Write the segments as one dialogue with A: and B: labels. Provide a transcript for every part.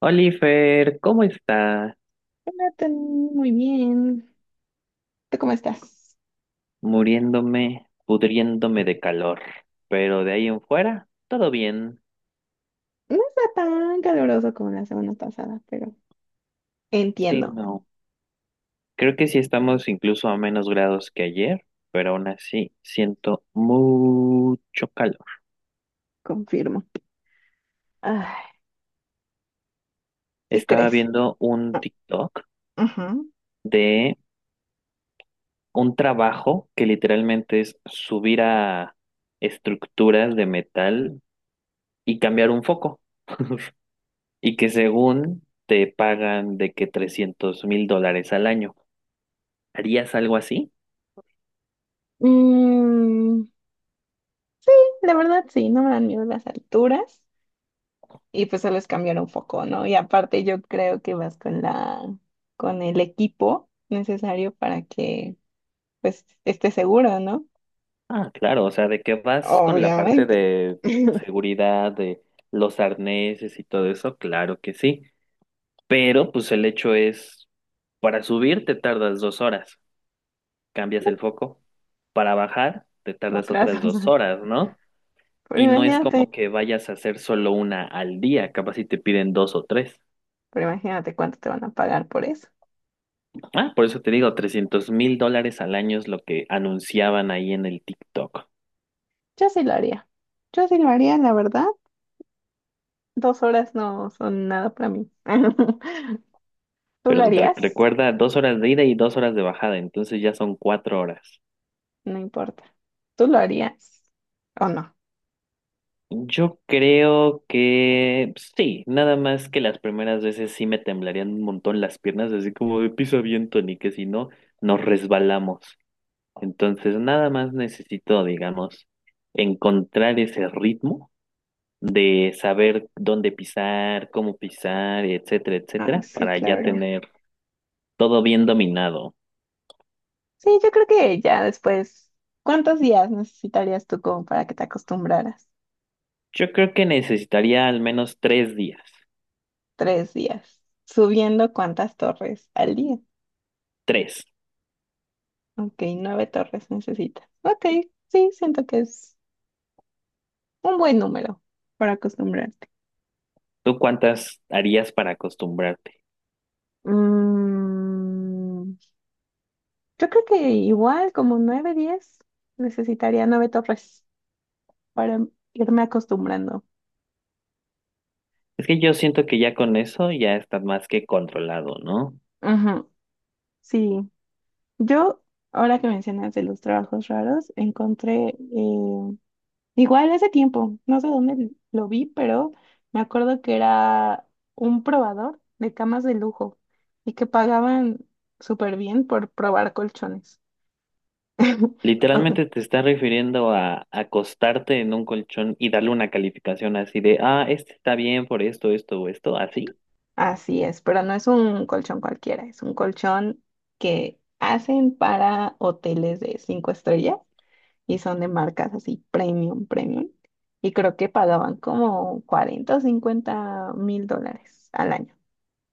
A: Oliver, ¿cómo está?
B: Nathan, muy bien. ¿Tú cómo estás?
A: Muriéndome, pudriéndome de calor, pero de ahí en fuera, todo bien.
B: No está tan caluroso como la semana pasada, pero
A: Sí,
B: entiendo,
A: no. Creo que sí estamos incluso a menos grados que ayer, pero aún así siento mucho calor.
B: confirmo. Ay, ¿qué
A: Estaba
B: crees?
A: viendo un TikTok
B: Ujú.
A: de un trabajo que literalmente es subir a estructuras de metal y cambiar un foco, y que según te pagan de que $300,000 al año. ¿Harías algo así?
B: Mm, la verdad sí, no me dan miedo las alturas y pues solo es cambiar un foco, ¿no? Y aparte yo creo que vas con con el equipo necesario para que pues estés seguro, ¿no?
A: Ah, claro, o sea, de que vas con la parte
B: Obviamente.
A: de seguridad, de los arneses y todo eso, claro que sí, pero pues el hecho es, para subir te tardas 2 horas, cambias el foco, para bajar te tardas
B: Otras,
A: otras dos
B: cosas.
A: horas, ¿no?
B: pero
A: Y no es
B: imagínate,
A: como que vayas a hacer solo una al día, capaz si te piden dos o tres.
B: pero imagínate cuánto te van a pagar por eso.
A: Ah, por eso te digo, $300,000 al año es lo que anunciaban ahí en el TikTok.
B: Yo sí lo haría. Yo sí lo haría, la verdad. 2 horas no son nada para mí. ¿Tú lo
A: Pero te
B: harías?
A: recuerda 2 horas de ida y 2 horas de bajada, entonces ya son 4 horas.
B: No importa. ¿Tú lo harías o no?
A: Yo creo que pues, sí, nada más que las primeras veces sí me temblarían un montón las piernas, así como de pisa bien, Tony, que si no, nos resbalamos. Entonces, nada más necesito, digamos, encontrar ese ritmo de saber dónde pisar, cómo pisar, etcétera,
B: Ah,
A: etcétera,
B: sí,
A: para ya
B: claro.
A: tener todo bien dominado.
B: Sí, yo creo que ya después, ¿cuántos días necesitarías tú como para que te acostumbraras?
A: Yo creo que necesitaría al menos 3 días.
B: 3 días. Subiendo cuántas torres al día.
A: Tres.
B: Ok, 9 torres necesitas. Ok, sí, siento que es un buen número para acostumbrarte.
A: ¿Tú cuántas harías para acostumbrarte?
B: Mm, Yo creo que igual como 9, 10, necesitaría 9 torres para irme acostumbrando.
A: Es que yo siento que ya con eso ya estás más que controlado, ¿no?
B: Ajá. Sí, yo, ahora que mencionas de los trabajos raros, encontré, igual hace tiempo, no sé dónde lo vi, pero me acuerdo que era un probador de camas de lujo y que pagaban súper bien por probar colchones. O-
A: Literalmente te estás refiriendo a acostarte en un colchón y darle una calificación así de, ah, este está bien por esto, esto o esto, así.
B: Así es, pero no es un colchón cualquiera, es un colchón que hacen para hoteles de 5 estrellas y son de marcas así premium, premium. Y creo que pagaban como 40 o 50 mil dólares al año.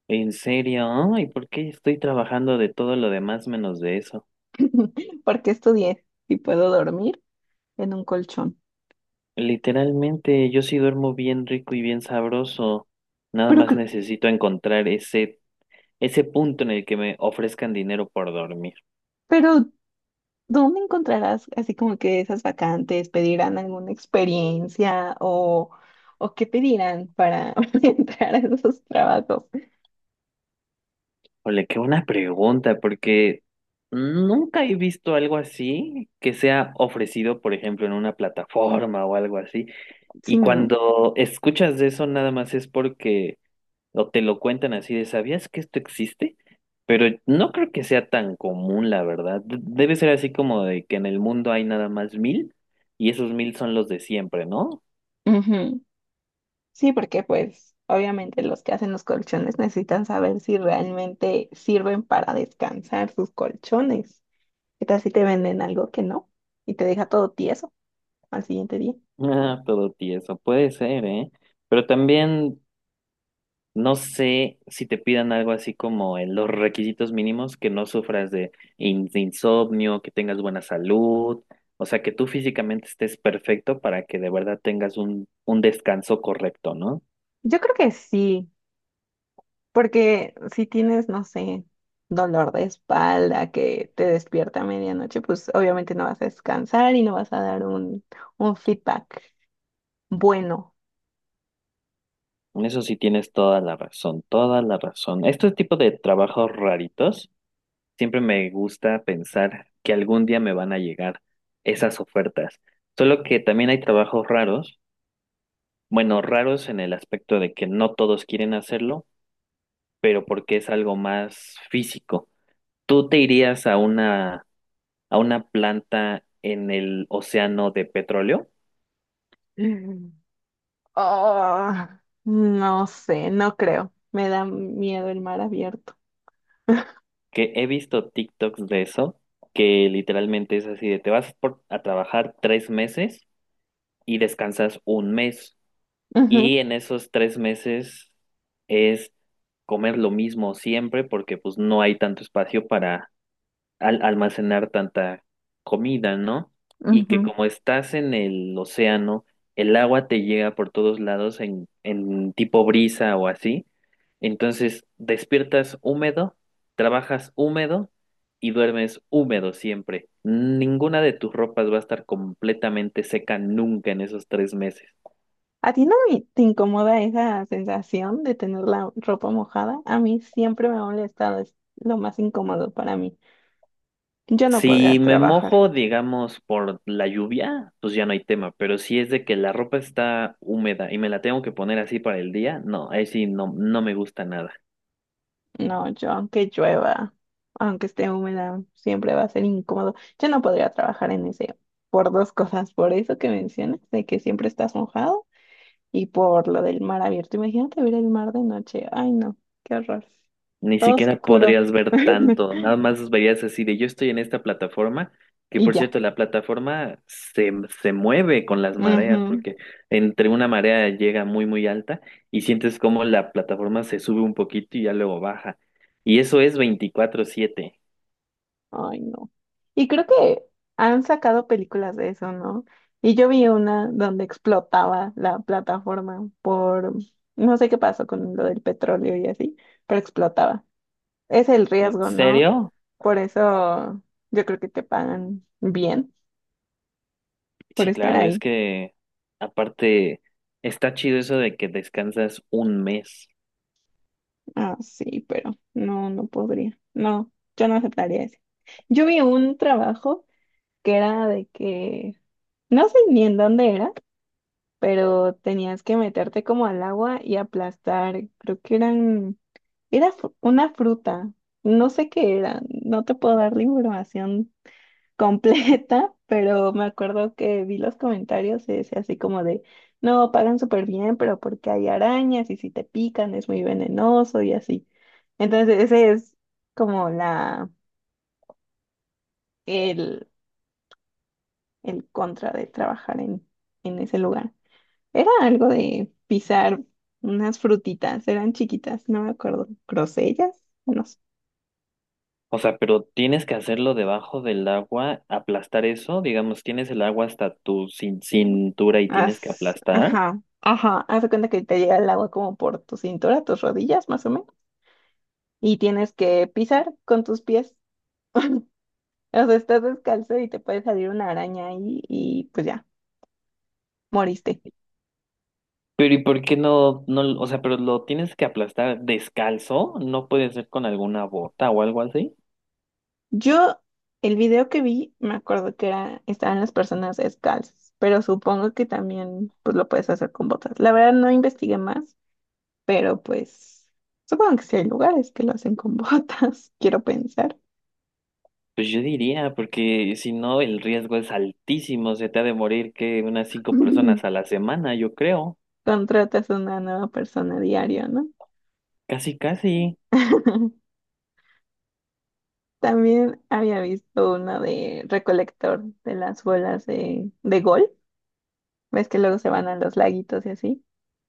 A: ¿En serio? ¿Y por qué estoy trabajando de todo lo demás menos de eso?
B: Porque estudié y puedo dormir en un colchón.
A: Literalmente yo sí duermo bien rico y bien sabroso. Nada
B: Pero,
A: más
B: cre-
A: necesito encontrar ese punto en el que me ofrezcan dinero por dormir.
B: pero, ¿dónde encontrarás así como que esas vacantes? ¿Pedirán alguna experiencia o qué pedirán para entrar a esos trabajos?
A: Ole, qué buena pregunta, porque nunca he visto algo así que sea ofrecido, por ejemplo, en una plataforma o algo así.
B: Sí,
A: Y
B: ¿no?
A: cuando escuchas de eso, nada más es porque o te lo cuentan así de, ¿sabías que esto existe? Pero no creo que sea tan común, la verdad. Debe ser así como de que en el mundo hay nada más mil y esos mil son los de siempre, ¿no?
B: Ujú. Sí, porque pues obviamente los que hacen los colchones necesitan saber si realmente sirven para descansar sus colchones. ¿Qué tal si te venden algo que no y te deja todo tieso al siguiente día?
A: Ah, todo tieso, puede ser, ¿eh? Pero también... No sé si te pidan algo así como en los requisitos mínimos, que no sufras de insomnio, que tengas buena salud, o sea, que tú físicamente estés perfecto para que de verdad tengas un descanso correcto, ¿no?
B: Yo creo que sí, porque si tienes, no sé, dolor de espalda que te despierta a medianoche, pues obviamente no vas a descansar y no vas a dar un feedback bueno.
A: En eso sí tienes toda la razón, toda la razón. Este tipo de trabajos raritos, siempre me gusta pensar que algún día me van a llegar esas ofertas. Solo que también hay trabajos raros, bueno, raros en el aspecto de que no todos quieren hacerlo pero porque es algo más físico. ¿Tú te irías a una planta en el océano de petróleo?
B: Oh, no sé, no creo. Me da miedo el mar abierto.
A: Que he visto TikToks de eso, que literalmente es así de te vas a trabajar 3 meses y descansas un mes. Y
B: Ujú,
A: en esos 3 meses es comer lo mismo siempre porque pues no hay tanto espacio para al almacenar tanta comida, ¿no? Y que
B: ujú.
A: como estás en el océano, el agua te llega por todos lados en tipo brisa o así. Entonces despiertas húmedo, trabajas húmedo y duermes húmedo siempre. Ninguna de tus ropas va a estar completamente seca nunca en esos 3 meses.
B: ¿A ti no me- te incomoda esa sensación de tener la ropa mojada? A mí siempre me ha molestado, es lo más incómodo para mí. Yo no podría
A: Si me
B: trabajar.
A: mojo, digamos, por la lluvia, pues ya no hay tema, pero si es de que la ropa está húmeda y me la tengo que poner así para el día, no, ahí sí no, no me gusta nada.
B: No, yo aunque llueva, aunque esté húmeda, siempre va a ser incómodo. Yo no podría trabajar en ese por dos cosas, por eso que mencionas, de que siempre estás mojado. Y por lo del mar abierto, imagínate ver el mar de noche. Ay, no, qué horror.
A: Ni
B: Todo
A: siquiera
B: oscuro.
A: podrías ver tanto, nada más verías así de yo estoy en esta plataforma, que
B: Y
A: por
B: ya.
A: cierto, se mueve con las mareas,
B: Ujú.
A: porque entre una marea llega muy, muy alta y sientes como la plataforma se sube un poquito y ya luego baja. Y eso es 24/7.
B: Ay, no. Y creo que han sacado películas de eso, ¿no? Y yo vi una donde explotaba la plataforma no sé qué pasó con lo del petróleo y así, pero explotaba. Es el
A: ¿En
B: riesgo, ¿no?
A: serio?
B: Por eso yo creo que te pagan bien por
A: Sí,
B: estar
A: claro, es
B: ahí.
A: que aparte está chido eso de que descansas un mes.
B: Ah, sí, pero no, no podría. No, yo no aceptaría ese. Yo vi un trabajo que era de que, no sé ni en dónde era, pero tenías que meterte como al agua y aplastar, creo que era una fruta, no sé qué era, no te puedo dar la información completa. Pero me acuerdo que vi los comentarios y decía así como de, no, pagan súper bien, pero porque hay arañas y si te pican es muy venenoso y así. Entonces, ese es como el, el contra de trabajar en ese lugar. Era algo de pisar unas frutitas, eran chiquitas, no me acuerdo, grosellas, no sé.
A: O sea, pero tienes que hacerlo debajo del agua, aplastar eso, digamos, tienes el agua hasta tu cintura y tienes que
B: Haz-
A: aplastar.
B: ajá, ajá, haz de cuenta que te llega el agua como por tu cintura, tus rodillas, más o menos. Y tienes que pisar con tus pies. O sea, estás descalzo y te puede salir una araña ahí y pues ya, moriste.
A: Pero ¿y por qué no, no, o sea, pero lo tienes que aplastar descalzo? ¿No puede ser con alguna bota o algo así?
B: Yo, el video que vi, me acuerdo que estaban las personas descalzas, pero supongo que también pues lo puedes hacer con botas. La verdad no investigué más, pero pues supongo que sí hay lugares que lo hacen con botas, quiero pensar.
A: Pues yo diría, porque si no, el riesgo es altísimo, se te ha de morir que unas cinco personas a la semana, yo creo.
B: Contratas a una nueva persona diario, ¿no?
A: Casi, casi.
B: También había visto una de recolector de las bolas de gol. ¿Ves que luego se van a los laguitos y así?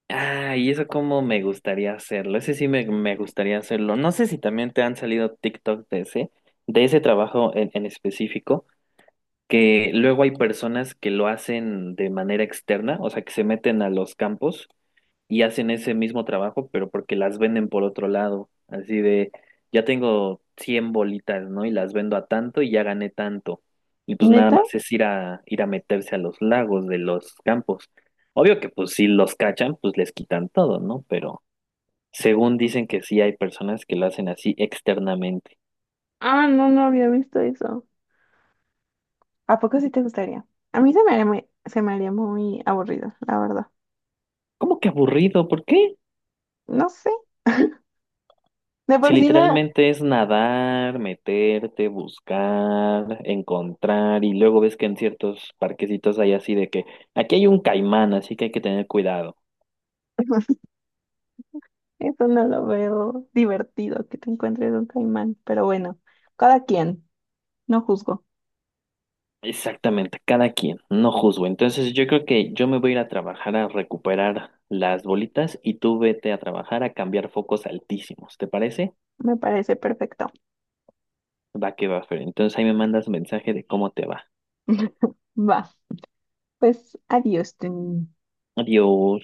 A: Ah, y eso como me gustaría hacerlo. Ese sí me gustaría hacerlo. No sé si también te han salido TikTok de ese trabajo en específico, que luego hay personas que lo hacen de manera externa, o sea, que se meten a los campos y hacen ese mismo trabajo, pero porque las venden por otro lado, así de, ya tengo 100 bolitas, ¿no? Y las vendo a tanto y ya gané tanto. Y pues nada
B: ¿Neta?
A: más es ir a, ir a meterse a los lagos de los campos. Obvio que pues si los cachan, pues les quitan todo, ¿no? Pero según dicen que sí hay personas que lo hacen así externamente.
B: Ah, no, no había visto eso. ¿A poco sí te gustaría? A mí se me haría muy aburrido, la verdad.
A: ¿Cómo que aburrido? ¿Por qué?
B: No sé. De
A: Si
B: por sí nada.
A: literalmente es nadar, meterte, buscar, encontrar, y luego ves que en ciertos parquecitos hay así de que aquí hay un caimán, así que hay que tener cuidado.
B: Eso no lo veo divertido que te encuentres un caimán. Pero bueno, cada quien. No juzgo.
A: Exactamente, cada quien, no juzgo. Entonces yo creo que yo me voy a ir a trabajar a recuperar las bolitas y tú vete a trabajar a cambiar focos altísimos, ¿te parece?
B: Me parece perfecto.
A: Va que va, Fer. Entonces ahí me mandas mensaje de cómo te va.
B: Va. Pues adiós, Tony.
A: Adiós.